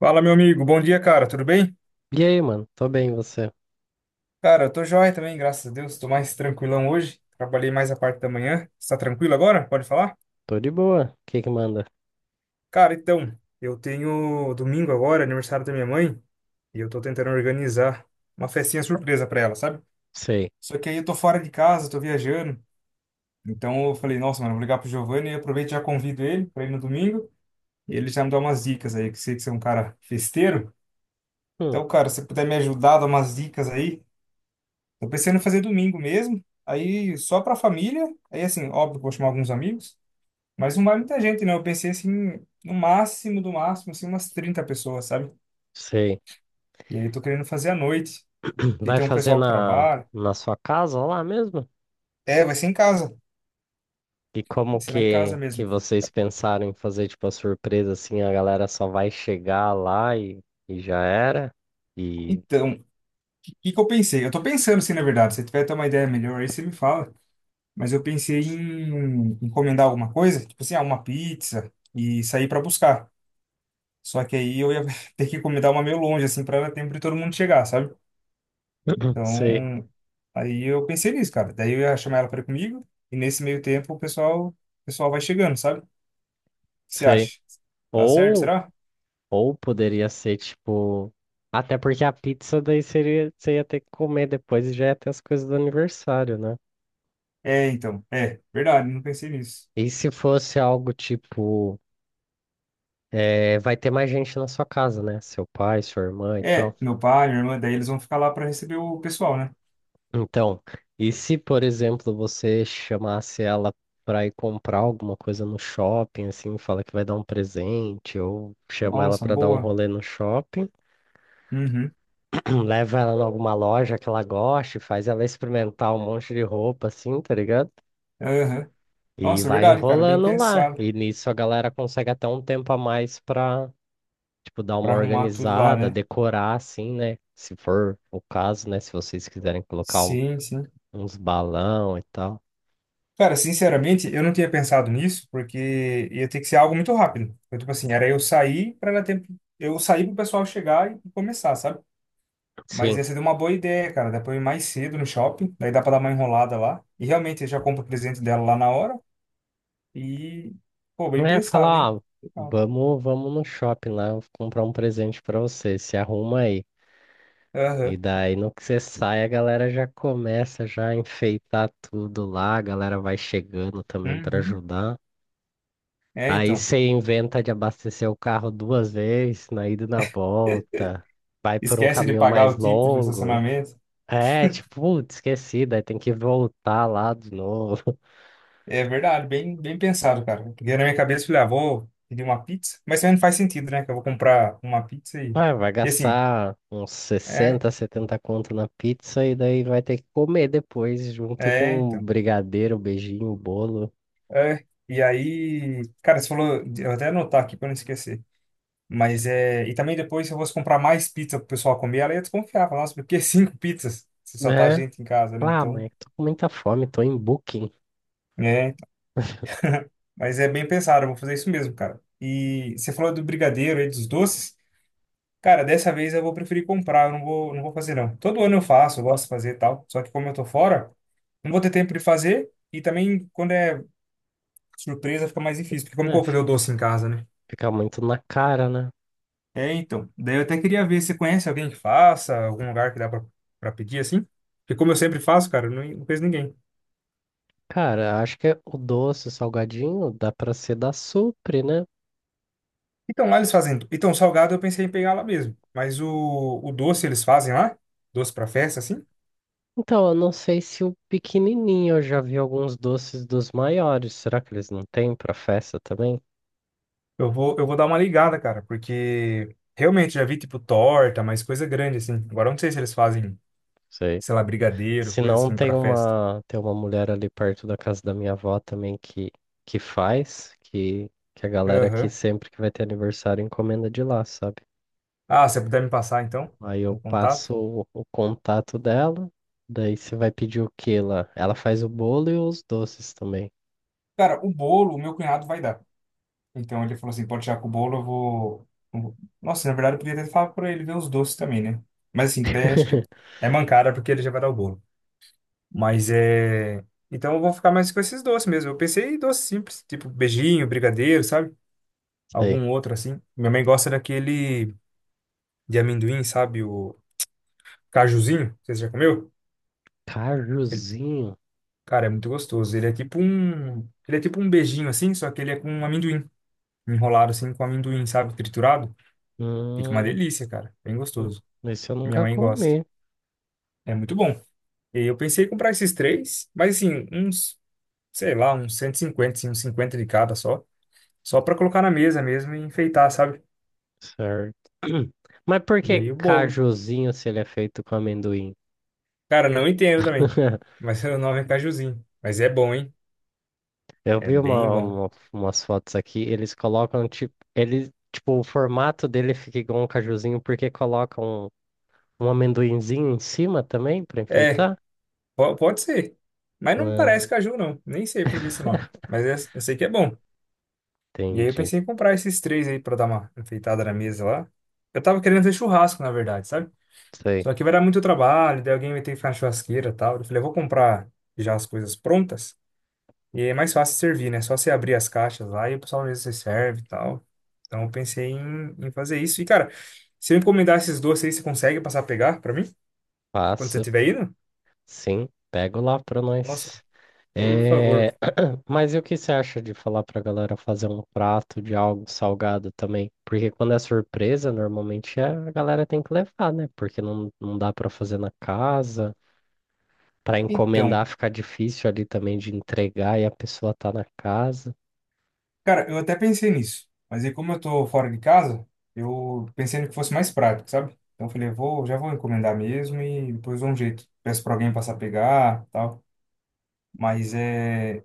Fala, meu amigo. Bom dia, cara. Tudo bem? E aí, mano? Tô bem, e você? Cara, eu tô joia também, graças a Deus. Tô mais tranquilão hoje. Trabalhei mais a parte da manhã. Está tranquilo agora? Pode falar? Tô de boa. O que que manda? Cara, então, eu tenho domingo agora, aniversário da minha mãe, e eu tô tentando organizar uma festinha surpresa pra ela, sabe? Sei. Só que aí eu tô fora de casa, tô viajando. Então eu falei, nossa, mano, vou ligar pro Giovanni e aproveito e já convido ele pra ir no domingo. E ele já me dá umas dicas aí, que sei que você é um cara festeiro. Hum. Então, cara, se você puder me ajudar, dar umas dicas aí, eu pensei em fazer domingo mesmo, aí só pra família, aí assim, óbvio que eu vou chamar alguns amigos, mas não vai muita gente, né? Eu pensei assim, no máximo do máximo, assim, umas 30 pessoas, sabe? Sei. E aí eu tô querendo fazer à noite, porque Vai tem um fazer pessoal que na, trabalha. na sua casa lá mesmo? É, vai ser em casa, E como vai ser lá em casa que mesmo. vocês pensaram em fazer, tipo, a surpresa assim? A galera só vai chegar lá e já era? E. Então, o que que eu pensei? Eu tô pensando assim, na verdade, se você tiver até uma ideia melhor aí, você me fala. Mas eu pensei em encomendar alguma coisa, tipo assim, ah, uma pizza e sair pra buscar. Só que aí eu ia ter que encomendar uma meio longe, assim, pra dar tempo de todo mundo chegar, sabe? Sei, Então, aí eu pensei nisso, cara. Daí eu ia chamar ela para ir comigo e nesse meio tempo o pessoal vai chegando, sabe? O que você sei. acha? Dá certo, Ou, será? ou poderia ser, tipo. Até porque a pizza daí seria, você ia ter que comer depois e já ia ter as coisas do aniversário, né? É, então, é, verdade, não pensei nisso. E se fosse algo tipo. É, vai ter mais gente na sua casa, né? Seu pai, sua irmã e É, tal. meu pai, minha irmã, daí eles vão ficar lá para receber o pessoal, né? Então, e se, por exemplo, você chamasse ela para ir comprar alguma coisa no shopping, assim, fala que vai dar um presente, ou chama ela Nossa, para dar um boa. rolê no shopping, Uhum. leva ela em alguma loja que ela goste, faz ela experimentar um monte de roupa, assim, tá ligado? Aham. E Nossa, vai verdade, cara, bem enrolando lá. pensado E nisso a galera consegue até um tempo a mais para tipo, dar uma para arrumar tudo lá, organizada, né? decorar assim, né? Se for o caso, né? Se vocês quiserem colocar um- Sim, sim. uns balão e tal. Cara, sinceramente, eu não tinha pensado nisso, porque ia ter que ser algo muito rápido. Então, tipo assim, era eu sair para dar tempo, eu sair pro pessoal chegar e começar, sabe? Mas Sim. essa deu uma boa ideia, cara. Dá pra eu ir mais cedo no shopping, daí dá pra dar uma enrolada lá. E realmente eu já compro o presente dela lá na hora. E, pô, bem É, pensado, hein? falar, ah, Legal. Vamos no shopping lá, eu vou comprar um presente pra você, se arruma aí. E Aham. daí, no que você sai, a galera já começa já a enfeitar tudo lá, a galera vai chegando também pra Uhum. ajudar. É, Aí então. você inventa de abastecer o carro duas vezes, na ida e na volta. Vai por um Esquece de caminho pagar mais o ticket do longo. estacionamento. É, tipo, putz, esqueci, daí tem que voltar lá de novo. É verdade, bem pensado, cara. Porque na minha cabeça eu falei, ah, vou pedir uma pizza, mas também não faz sentido, né? Que eu vou comprar uma pizza e. Ah, vai E assim, gastar uns é, 60, 70 conto na pizza e daí vai ter que comer depois, junto é, com um então. brigadeiro, beijinho, bolo. É. E aí, cara, você falou, eu vou até anotar aqui pra não esquecer. Mas é. E também depois, se eu fosse comprar mais pizza pro pessoal comer, ela ia desconfiar, falar, nossa, por que cinco pizzas? Se só tá É. gente em casa, né? Ah, Então, mãe, tô com muita fome, tô em booking. é. Então". Mas é bem pensado, eu vou fazer isso mesmo, cara. E você falou do brigadeiro aí, dos doces. Cara, dessa vez eu vou preferir comprar, eu não vou fazer não. Todo ano eu faço, eu gosto de fazer e tal, só que como eu tô fora, não vou ter tempo de fazer e também quando é surpresa fica mais difícil, porque como que eu É, vou fazer o doce em casa, né? fica muito na cara, né? É, então. Daí eu até queria ver se conhece alguém que faça, algum lugar que dá pra pedir assim. Porque como eu sempre faço, cara, eu não conheço ninguém. Cara, acho que o doce, o salgadinho, dá pra ser da Supre, né? Então lá eles fazem. Então salgado eu pensei em pegar lá mesmo, mas o doce eles fazem lá, doce pra festa assim. Então, eu não sei se o pequenininho, eu já vi alguns doces dos maiores. Será que eles não têm pra festa também? Eu vou dar uma ligada, cara, porque realmente já vi tipo torta, mas coisa grande assim. Agora eu não sei se eles fazem, Sei. sei lá, brigadeiro, Se coisa não, assim tem pra festa. uma, tem uma mulher ali perto da casa da minha avó também que faz, que a galera aqui Aham. sempre que vai ter aniversário encomenda de lá, sabe? Ah, se você puder me passar então Aí eu o passo contato. O contato dela, daí você vai pedir o que lá? Ela faz o bolo e os doces também. Cara, o bolo, o meu cunhado vai dar. Então ele falou assim: pode tirar com o bolo, eu vou. Nossa, na verdade eu podia até falar pra ele ver os doces também, né? Mas assim, que daí acho que é mancada porque ele já vai dar o bolo. Mas é. Então eu vou ficar mais com esses doces mesmo. Eu pensei em doces simples, tipo beijinho, brigadeiro, sabe? Sei. Algum outro assim. Minha mãe gosta daquele de amendoim, sabe? O cajuzinho. Você já comeu? Ele- Cajuzinho? cara, é muito gostoso. Ele é tipo um beijinho assim, só que ele é com amendoim. Enrolado assim com amendoim, sabe? Triturado. Fica uma Hum, delícia, cara. Bem gostoso. esse eu Minha nunca mãe gosta. comi, É muito bom. E eu pensei em comprar esses três, mas assim, uns, sei lá, uns 150 assim, uns 50 de cada só. Só pra colocar na mesa mesmo e enfeitar, sabe? certo? Mas por E que aí o bolo. cajuzinho se ele é feito com amendoim? Cara, não entendo também. Mas o nome é cajuzinho. Mas é bom, hein? Eu É vi bem bom. Umas fotos aqui, eles colocam tipo, ele, tipo, o formato dele fica igual um cajuzinho porque colocam um amendoinzinho em cima também para É, enfeitar. pode ser. Mas não Ah, parece caju, não. Nem sei por que esse nome. Mas eu sei que é bom. E aí eu entendi. pensei em comprar esses três aí pra dar uma enfeitada na mesa lá. Eu tava querendo fazer churrasco, na verdade, sabe? Sei. Só que vai dar muito trabalho, daí alguém vai ter que ficar na churrasqueira e tal. Eu falei, eu vou comprar já as coisas prontas. E aí é mais fácil servir, né? Só você abrir as caixas lá e o pessoal mesmo se serve e tal. Então eu pensei em fazer isso. E, cara, se eu encomendar esses doces aí, você consegue passar a pegar pra mim? Quando você Faço. estiver indo? Sim, pego lá para Nossa, nós. por favor. É. Mas e o que você acha de falar pra galera fazer um prato de algo salgado também? Porque quando é surpresa, normalmente é- a galera tem que levar, né? Porque não dá pra fazer na casa. Para Então, encomendar fica difícil ali também de entregar e a pessoa tá na casa. cara, eu até pensei nisso, mas aí como eu tô fora de casa, eu pensei no que fosse mais prático, sabe? Então eu falei, eu vou, já vou encomendar mesmo e depois dou um jeito. Peço pra alguém passar a pegar, tal. Mas é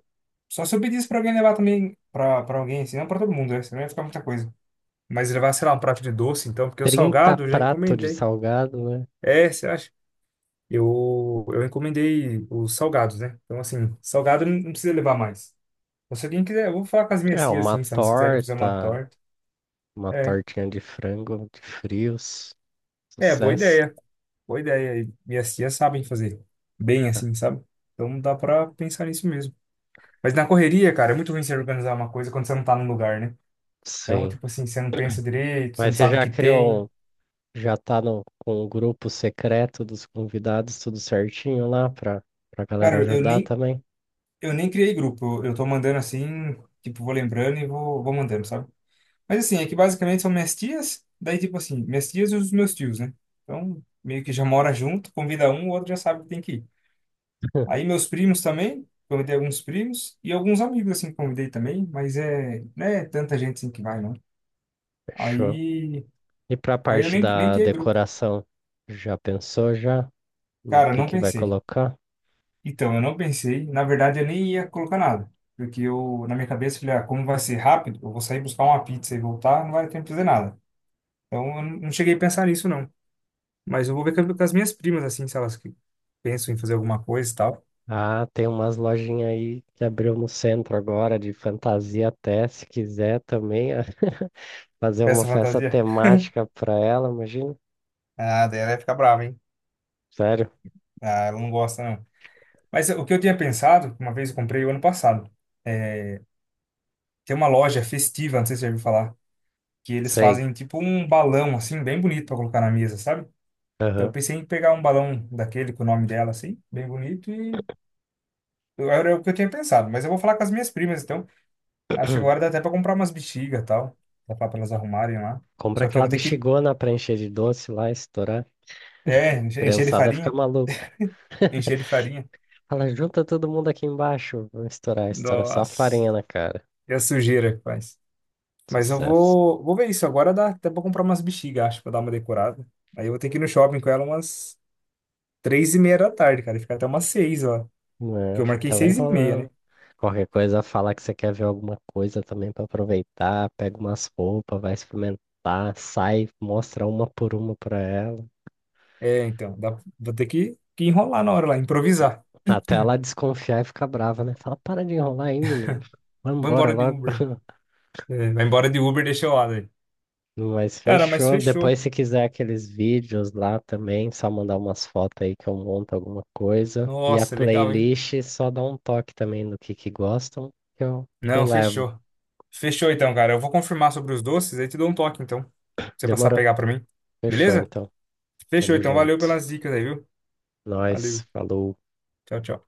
só se eu pedisse pra alguém levar também pra para alguém, assim, não pra todo mundo, né? Senão ia ficar muita coisa. Mas levar, sei lá, um prato de doce, então, porque o 30 salgado eu já pratos de encomendei. salgado, né? É, você acha? Eu encomendei os salgados, né? Então assim, salgado não precisa levar mais. Então, se alguém quiser, eu vou falar com as É, minhas tias uma assim, se elas quiserem fazer uma torta, torta. uma É, tortinha de frango, de frios, É, boa sucesso. ideia. Boa ideia. E minhas tias sabem fazer bem Ah. assim, sabe? Então dá pra pensar nisso mesmo. Mas na correria, cara, é muito ruim você organizar uma coisa quando você não tá no lugar, né? Então, Sim. tipo assim, você não pensa direito, você não Mas você sabe o já que tem. criou, um- já tá no, com o grupo secreto dos convidados, tudo certinho lá para galera Cara, eu ajudar nem, também? eu nem criei grupo. Eu tô mandando assim, tipo, vou lembrando e vou mandando, sabe? Mas assim, é que basicamente são minhas tias, daí tipo assim, minhas tias e os meus tios, né? Então, meio que já mora junto, convida um, o outro já sabe que tem que ir. Aí meus primos também, convidei alguns primos e alguns amigos assim que convidei também, mas é, né, tanta gente assim que vai não. Fechou. Aí, E para a aí, eu parte nem da criei grupo. decoração, já pensou já no Cara, eu não que vai pensei. colocar? Então, eu não pensei, na verdade eu nem ia colocar nada, porque eu na minha cabeça eu falei, ah, como vai ser rápido, eu vou sair buscar uma pizza e voltar, não vai ter tempo de fazer nada. Então, eu não cheguei a pensar nisso não. Mas eu vou ver com as minhas primas assim, se elas que pensam em fazer alguma coisa e tal. Ah, tem umas lojinhas aí que abriu no centro agora, de fantasia até, se quiser também, ah, fazer uma Peça festa fantasia. temática pra ela, imagina. Ah, daí ela vai ficar brava, hein? Sério? Ah, ela não gosta. Mas o que eu tinha pensado, uma vez eu comprei o ano passado, é, tem uma loja festiva, não sei se você já ouviu falar, que eles Sei. fazem tipo um balão, assim, bem bonito para colocar na mesa, sabe? Então eu Aham. pensei em pegar um balão daquele com o nome dela, assim, bem bonito, e era o que eu tinha pensado. Mas eu vou falar com as minhas primas, então acho que agora dá até para comprar umas bexigas e tal, dá para elas arrumarem lá. Compra Só que eu aquela vou ter que, bexigona pra encher de doce lá, estourar. Encher de Criançada fica farinha, maluca. encher de farinha. Fala, junta todo mundo aqui embaixo. Vamos estourar, estoura só a Nossa, farinha na cara. e a sujeira que faz. Mas eu Sucesso. vou, vou ver isso. Agora dá até pra comprar umas bexigas, acho, pra dar uma decorada. Aí eu vou ter que ir no shopping com ela umas 3h30 da tarde, cara. E ficar até umas 6h, ó. Não, Que é? eu marquei Fica lá 6h30, né? enrolando. Qualquer coisa, fala que você quer ver alguma coisa também pra aproveitar. Pega umas roupas, vai experimentar, sai, mostra uma por uma pra ela. É, então. Dá, vou ter que enrolar na hora lá, improvisar. Até ela desconfiar e ficar brava, né? Fala, para de enrolar aí, menino. Vamos Vou embora embora de logo. Uber. É, vai embora de Uber, deixa eu lá, daí. Mas Cara, mas fechou. fechou. Depois, se quiser aqueles vídeos lá também, só mandar umas fotos aí que eu monto alguma coisa. E a Nossa, legal, hein? playlist, só dá um toque também no que gostam, que eu Não, levo. fechou. Fechou então, cara. Eu vou confirmar sobre os doces, aí te dou um toque, então. Pra você passar a Demorou? pegar pra mim. Fechou, Beleza? então. Fechou, Tamo então. Valeu junto. pelas dicas aí, viu? Nós, Valeu. falou. Tchau, tchau.